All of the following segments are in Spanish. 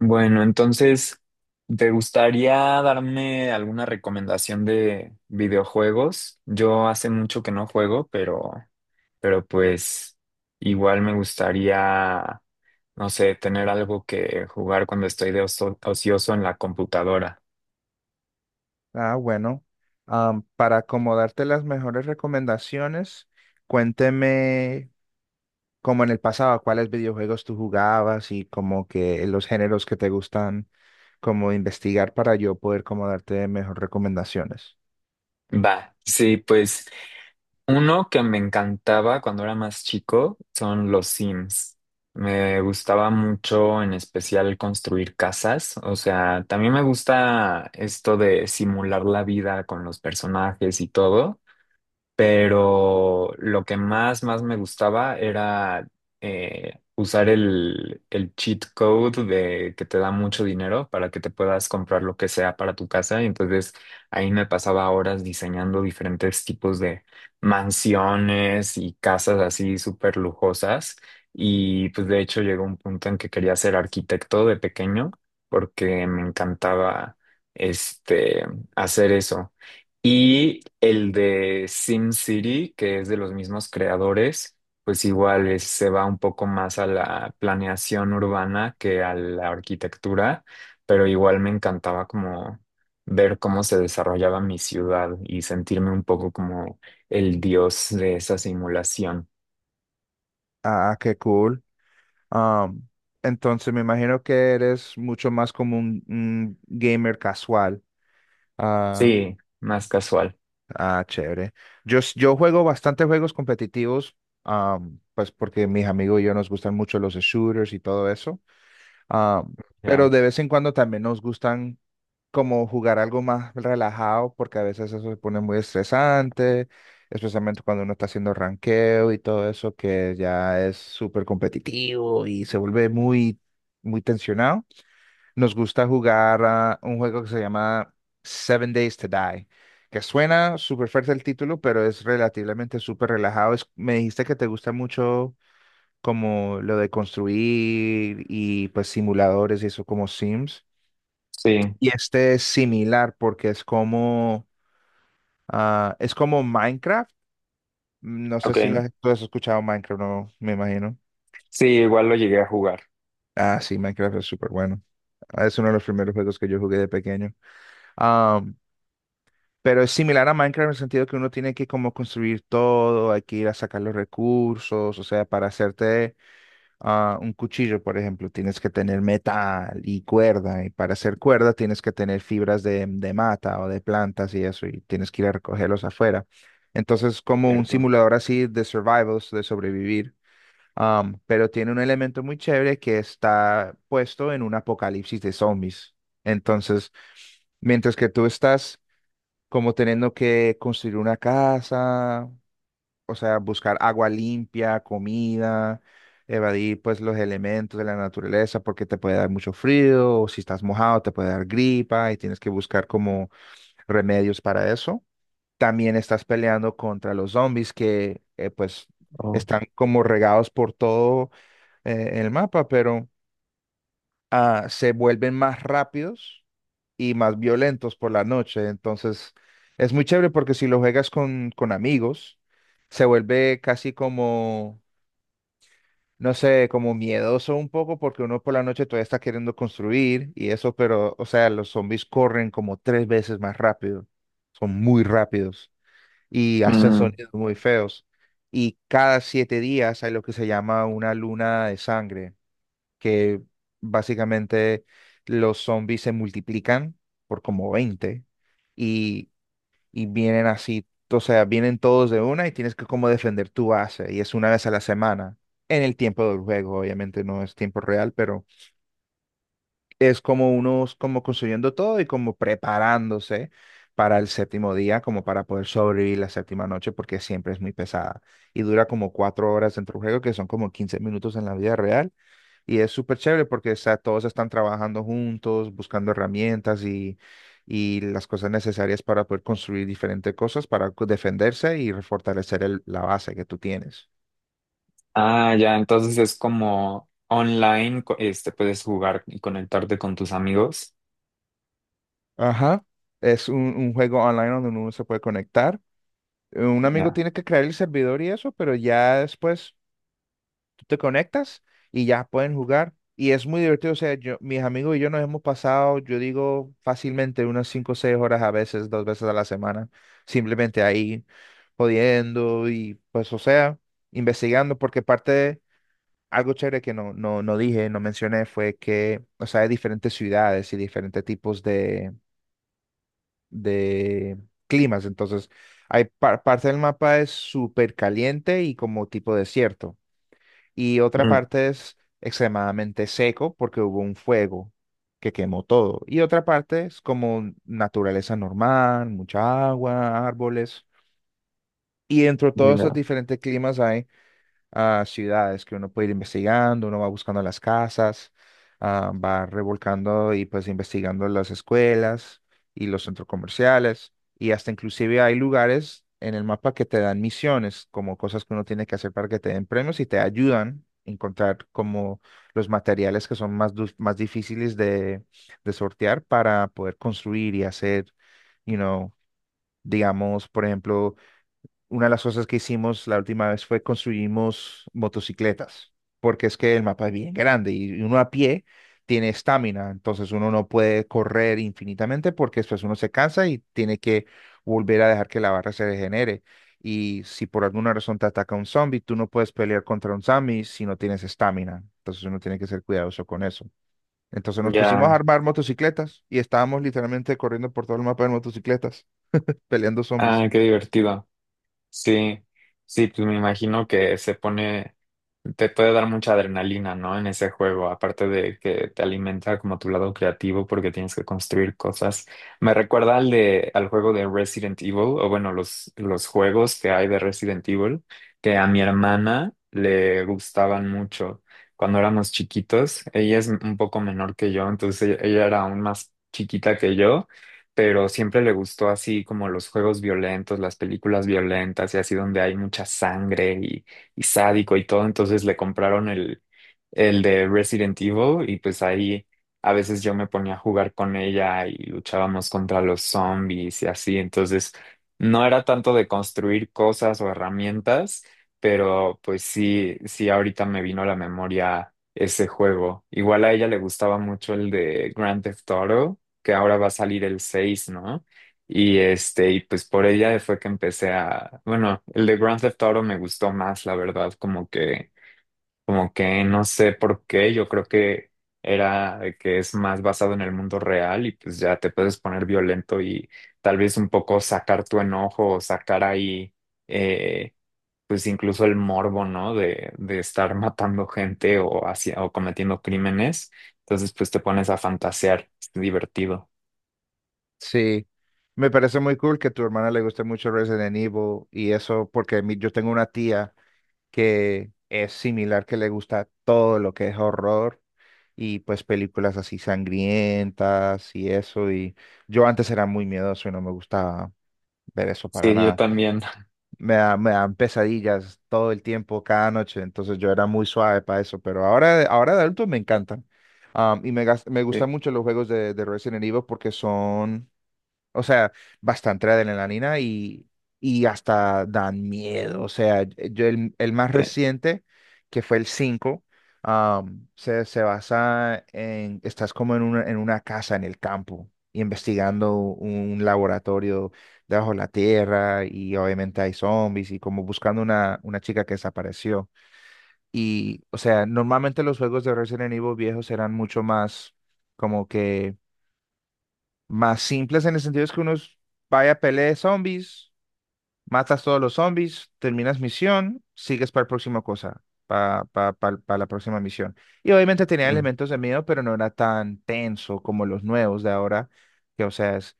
Bueno, entonces, ¿te gustaría darme alguna recomendación de videojuegos? Yo hace mucho que no juego, pero, pero igual me gustaría, no sé, tener algo que jugar cuando estoy de ocioso en la computadora. Ah, bueno, para acomodarte las mejores recomendaciones, cuénteme como en el pasado, cuáles videojuegos tú jugabas y como que los géneros que te gustan, como investigar para yo poder como darte mejores recomendaciones. Va, sí, pues uno que me encantaba cuando era más chico son los Sims. Me gustaba mucho, en especial, construir casas. O sea, también me gusta esto de simular la vida con los personajes y todo, pero lo que más, más me gustaba era usar el cheat code de que te da mucho dinero para que te puedas comprar lo que sea para tu casa. Y entonces ahí me pasaba horas diseñando diferentes tipos de mansiones y casas así súper lujosas. Y pues de hecho llegó un punto en que quería ser arquitecto de pequeño porque me encantaba este hacer eso. Y el de SimCity, que es de los mismos creadores, pues igual se va un poco más a la planeación urbana que a la arquitectura, pero igual me encantaba como ver cómo se desarrollaba mi ciudad y sentirme un poco como el dios de esa simulación. Ah, qué cool. Am, entonces me imagino que eres mucho más como un gamer casual. Ah. Sí, más casual, Ah, chévere. Yo juego bastantes juegos competitivos, pues porque mis amigos y yo nos gustan mucho los shooters y todo eso, am, pero ya. de vez en cuando también nos gustan como jugar algo más relajado, porque a veces eso se pone muy estresante, especialmente cuando uno está haciendo ranqueo y todo eso, que ya es súper competitivo y se vuelve muy, muy tensionado. Nos gusta jugar a un juego que se llama Seven Days to Die, que suena súper fuerte el título, pero es relativamente súper relajado. Me dijiste que te gusta mucho como lo de construir y pues simuladores y eso como Sims. Sí, Y este es similar porque es como Minecraft. No sé ok. si tú has escuchado Minecraft, no, me imagino. Sí, igual lo llegué a jugar, Ah, sí, Minecraft es súper bueno. Ah, es uno de los primeros juegos que yo jugué de pequeño. Pero es similar a Minecraft en el sentido que uno tiene que como construir todo, hay que ir a sacar los recursos, o sea, para hacerte un cuchillo, por ejemplo, tienes que tener metal y cuerda, y para hacer cuerda tienes que tener fibras de mata o de plantas y eso, y tienes que ir a recogerlos afuera. Entonces, como un ¿cierto? simulador así de survivals, de sobrevivir, pero tiene un elemento muy chévere que está puesto en un apocalipsis de zombies. Entonces, mientras que tú estás como teniendo que construir una casa, o sea, buscar agua limpia, comida, evadir pues los elementos de la naturaleza porque te puede dar mucho frío, o si estás mojado te puede dar gripa y tienes que buscar como remedios para eso. También estás peleando contra los zombies que pues Oh. están como regados por todo el mapa, pero se vuelven más rápidos y más violentos por la noche. Entonces, es muy chévere porque si lo juegas con amigos, se vuelve casi como, no sé, como miedoso un poco porque uno por la noche todavía está queriendo construir y eso, pero, o sea, los zombies corren como tres veces más rápido. Son muy rápidos y hacen Mm. sonidos muy feos. Y cada 7 días hay lo que se llama una luna de sangre que básicamente los zombies se multiplican por como 20 y, y vienen así, o sea, vienen todos de una y tienes que como defender tu base y es una vez a la semana. En el tiempo del juego, obviamente no es tiempo real, pero es como unos como construyendo todo y como preparándose para el séptimo día, como para poder sobrevivir la séptima noche, porque siempre es muy pesada y dura como 4 horas dentro del juego, que son como 15 minutos en la vida real y es súper chévere porque o sea, todos están trabajando juntos, buscando herramientas y las cosas necesarias para poder construir diferentes cosas, para defenderse y fortalecer la base que tú tienes. Ah, ya, entonces es como online, este, puedes jugar y conectarte con tus amigos. Ajá. Es un juego online donde uno se puede conectar. Un amigo Ya. tiene que crear el servidor y eso, pero ya después te conectas y ya pueden jugar. Y es muy divertido, o sea, mis amigos y yo nos hemos pasado, yo digo, fácilmente unas 5 o 6 horas a veces, dos veces a la semana, simplemente ahí, jodiendo y pues, o sea, investigando, porque parte de algo chévere que no dije, no mencioné, fue que, o sea, hay diferentes ciudades y diferentes tipos de climas, entonces, hay parte del mapa es súper caliente y como tipo desierto y otra Mm, parte es extremadamente seco porque hubo un fuego que quemó todo. Y otra parte es como naturaleza normal, mucha agua, árboles. Y dentro de todos esos ya. diferentes climas hay a ciudades que uno puede ir investigando, uno va buscando las casas, va revolcando y pues investigando las escuelas y los centros comerciales y hasta inclusive hay lugares en el mapa que te dan misiones, como cosas que uno tiene que hacer para que te den premios y te ayudan a encontrar como los materiales que son más difíciles de sortear para poder construir y hacer, you know, digamos, por ejemplo, una de las cosas que hicimos la última vez fue construimos motocicletas, porque es que el mapa es bien grande y uno a pie tiene estamina, entonces uno no puede correr infinitamente porque después uno se cansa y tiene que volver a dejar que la barra se regenere. Y si por alguna razón te ataca un zombie, tú no puedes pelear contra un zombie si no tienes estamina. Entonces uno tiene que ser cuidadoso con eso. Entonces nos pusimos a Ya. armar motocicletas y estábamos literalmente corriendo por todo el mapa en motocicletas, peleando zombies. Ah, qué divertido. Sí, sí, pues me imagino que se pone, te puede dar mucha adrenalina, ¿no? En ese juego, aparte de que te alimenta como tu lado creativo porque tienes que construir cosas. Me recuerda al juego de Resident Evil, o bueno, los juegos que hay de Resident Evil, que a mi hermana le gustaban mucho cuando éramos chiquitos. Ella es un poco menor que yo, entonces ella era aún más chiquita que yo, pero siempre le gustó así como los juegos violentos, las películas violentas y así donde hay mucha sangre y sádico y todo, entonces le compraron el de Resident Evil y pues ahí a veces yo me ponía a jugar con ella y luchábamos contra los zombies y así, entonces no era tanto de construir cosas o herramientas, pero pues sí, sí ahorita me vino a la memoria ese juego. Igual a ella le gustaba mucho el de Grand Theft Auto, que ahora va a salir el 6, ¿no? Y este, y pues por ella fue que empecé a, bueno, el de Grand Theft Auto me gustó más, la verdad, como que no sé por qué, yo creo que era de que es más basado en el mundo real y pues ya te puedes poner violento y tal vez un poco sacar tu enojo o sacar ahí, eh, pues incluso el morbo, ¿no? De estar matando gente o hacia, o cometiendo crímenes. Entonces, pues te pones a fantasear, es divertido. Sí, me parece muy cool que a tu hermana le guste mucho Resident Evil y eso porque yo tengo una tía que es similar, que le gusta todo lo que es horror y pues películas así sangrientas y eso y yo antes era muy miedoso y no me gustaba ver eso para Sí, yo nada. también. Me dan pesadillas todo el tiempo, cada noche, entonces yo era muy suave para eso, pero ahora de adulto me encantan. Y me Eh, gustan mucho los juegos de Resident Evil porque son o sea, bastante adrenalina y hasta dan miedo. O sea, yo el más te- reciente, que fue el 5. Se basa en, estás como en una, casa en el campo, investigando un laboratorio debajo de la tierra y obviamente hay zombies y como buscando una chica que desapareció. Y, o sea, normalmente los juegos de Resident Evil viejos eran mucho más como que más simples en el sentido es que vaya a pelea de zombies, matas todos los zombies, terminas misión, sigues para la próxima cosa, para la próxima misión. Y obviamente tenía mm, elementos de miedo, pero no era tan tenso como los nuevos de ahora, que o sea, es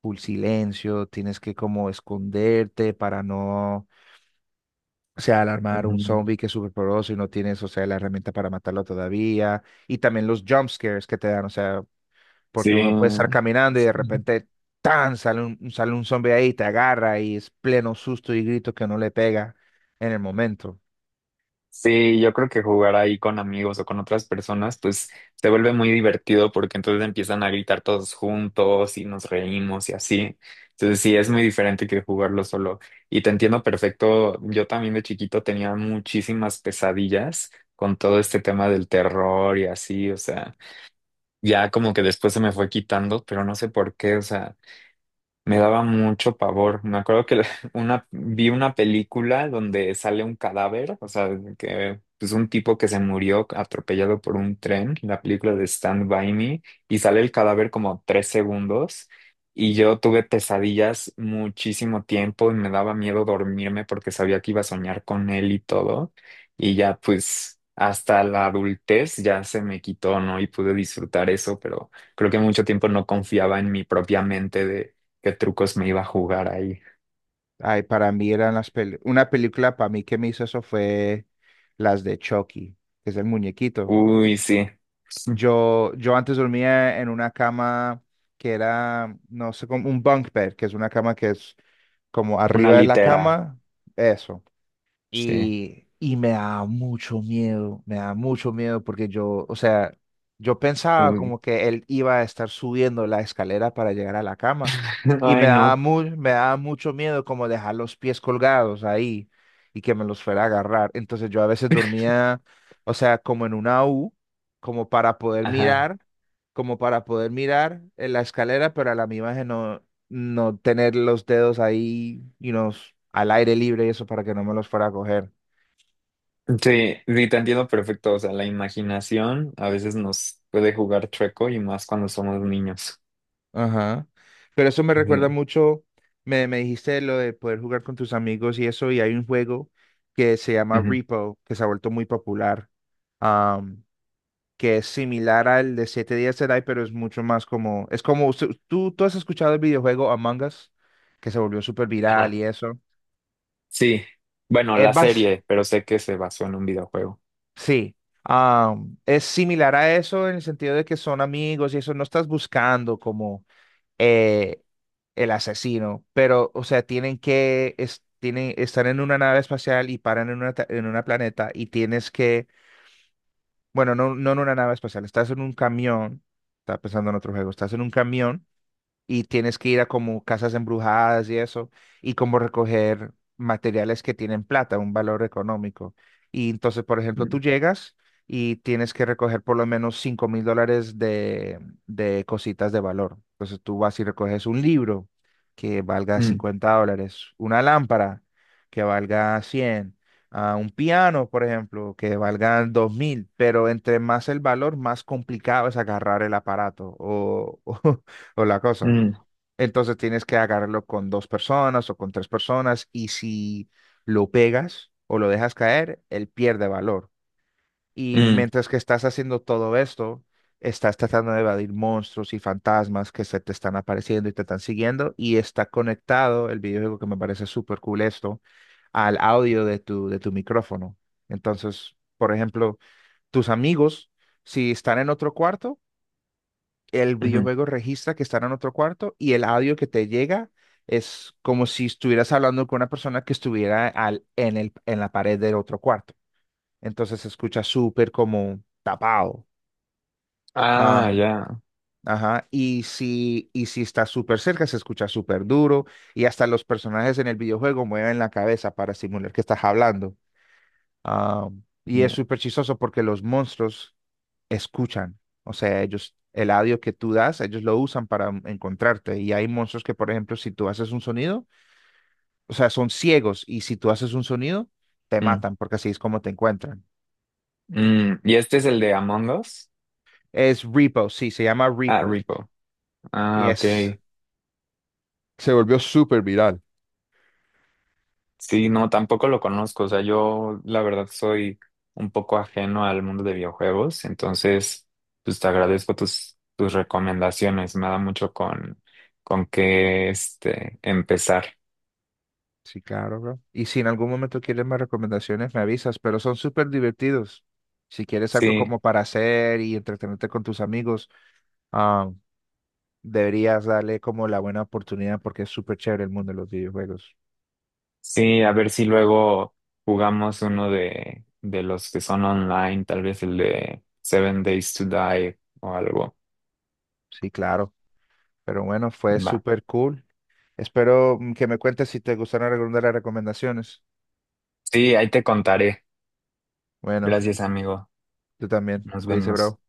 full silencio, tienes que como esconderte para no, o sea, alarmar un ujú. zombie que es súper poderoso y no tienes, o sea, la herramienta para matarlo todavía. Y también los jump scares que te dan, o sea, Sí, porque uno puede estar caminando y de repente tan sale un zombie ahí, te agarra y es pleno susto y grito que no le pega en el momento. sí, yo creo que jugar ahí con amigos o con otras personas, pues se vuelve muy divertido porque entonces empiezan a gritar todos juntos y nos reímos y así. Entonces sí, es muy diferente que jugarlo solo. Y te entiendo perfecto. Yo también de chiquito tenía muchísimas pesadillas con todo este tema del terror y así, o sea, ya como que después se me fue quitando, pero no sé por qué, o sea. Me daba mucho pavor. Me acuerdo que una, vi una película donde sale un cadáver, o sea, que pues un tipo que se murió atropellado por un tren, la película de Stand By Me, y sale el cadáver como tres segundos. Y yo tuve pesadillas muchísimo tiempo y me daba miedo dormirme porque sabía que iba a soñar con él y todo. Y ya pues hasta la adultez ya se me quitó, ¿no? Y pude disfrutar eso, pero creo que mucho tiempo no confiaba en mi propia mente qué trucos me iba a jugar ahí. Ay, para mí eran una película para mí que me hizo eso fue las de Chucky, que es el muñequito. Uy, sí. Yo antes dormía en una cama que era, no sé, como un bunk bed, que es una cama que es como Una arriba de la litera. cama, eso. Sí. Y me da mucho miedo, me da mucho miedo porque yo, o sea, yo pensaba Uy. como que él iba a estar subiendo la escalera para llegar a la cama y Ay, me daba no. mu- me daba mucho miedo como dejar los pies colgados ahí y que me los fuera a agarrar. Entonces yo a veces dormía, o sea, como en una U, como para poder Ajá. mirar, como para poder mirar en la escalera, pero a la misma vez no, no tener los dedos ahí y unos al aire libre y eso para que no me los fuera a coger. Sí, sí, te entiendo perfecto. O sea, la imaginación a veces nos puede jugar chueco y más cuando somos niños. Ajá. Pero eso me recuerda Sí. mucho, me dijiste lo de poder jugar con tus amigos y eso, y hay un juego que se llama Ujú. Repo, que se ha vuelto muy popular, am, que es similar al de 7 días de Die, pero es mucho más como, es como, ¿Tú has escuchado el videojuego Among Us, que se volvió súper viral Ajá. y eso? Sí. Bueno, Es la vas, serie, pero sé que se basó en un videojuego. Sí, es similar a eso en el sentido de que son amigos y eso no estás buscando como eh, el asesino, pero o sea, tienen que tienen, están en una nave espacial y paran en una, en una planeta y tienes que, bueno, no, no en una nave espacial, estás en un camión, estaba pensando en otro juego, estás en un camión y tienes que ir a como casas embrujadas y eso, y como recoger materiales que tienen plata, un valor económico. Y entonces, por ejemplo, Mm, tú llegas y tienes que recoger por lo menos $5000 de cositas de valor. Entonces tú vas y recoges un libro que valga mm, $50, una lámpara que valga 100 a un piano, por ejemplo, que valga 2000 pero entre más el valor, más complicado es agarrar el aparato o, o la cosa. mm, Entonces tienes que agarrarlo con dos personas o con tres personas y si lo pegas o lo dejas caer, él pierde valor. Y mm, mientras que estás haciendo todo esto, estás tratando de evadir monstruos y fantasmas que se te están apareciendo y te están siguiendo y está conectado el videojuego que me parece súper cool esto al audio de tu micrófono. Entonces, por ejemplo, tus amigos, si están en otro cuarto, el ujú. videojuego registra que están en otro cuarto y el audio que te llega es como si estuvieras hablando con una persona que estuviera al, en el, en la pared del otro cuarto. Entonces se escucha súper como tapado. Ah, Ah, ya. ajá. Y si está súper cerca, se escucha súper duro. Y hasta los personajes en el videojuego mueven la cabeza para simular que estás hablando. Ah, y es Ya. súper chistoso porque los monstruos escuchan. O sea, ellos, el audio que tú das, ellos lo usan para encontrarte. Y hay monstruos que, por ejemplo, si tú haces un sonido, o sea, son ciegos y si tú haces un sonido, te Mm, matan porque así es como te encuentran. mm. ¿Y este es el de Among Us? Es Repo, sí, se llama Ah, Repo. Rico. Y Ah, ok. es, Se volvió súper viral. Sí, no, tampoco lo conozco. O sea, yo la verdad soy un poco ajeno al mundo de videojuegos, entonces pues te agradezco tus, tus recomendaciones. Me da mucho con qué este empezar. Sí, claro, bro. Y si en algún momento quieres más recomendaciones, me avisas, pero son súper divertidos. Si quieres algo Sí, como para hacer y entretenerte con tus amigos, ah, deberías darle como la buena oportunidad porque es súper chévere el mundo de los videojuegos. sí, a ver si luego jugamos uno de los que son online, tal vez el de Seven Days to Die o algo. Sí, claro. Pero bueno, fue Va. súper cool. Espero que me cuentes si te gustaron algunas de las recomendaciones. Sí, ahí te contaré. Bueno, Gracias, amigo. tú también. Nos Cuídese, vemos. bro.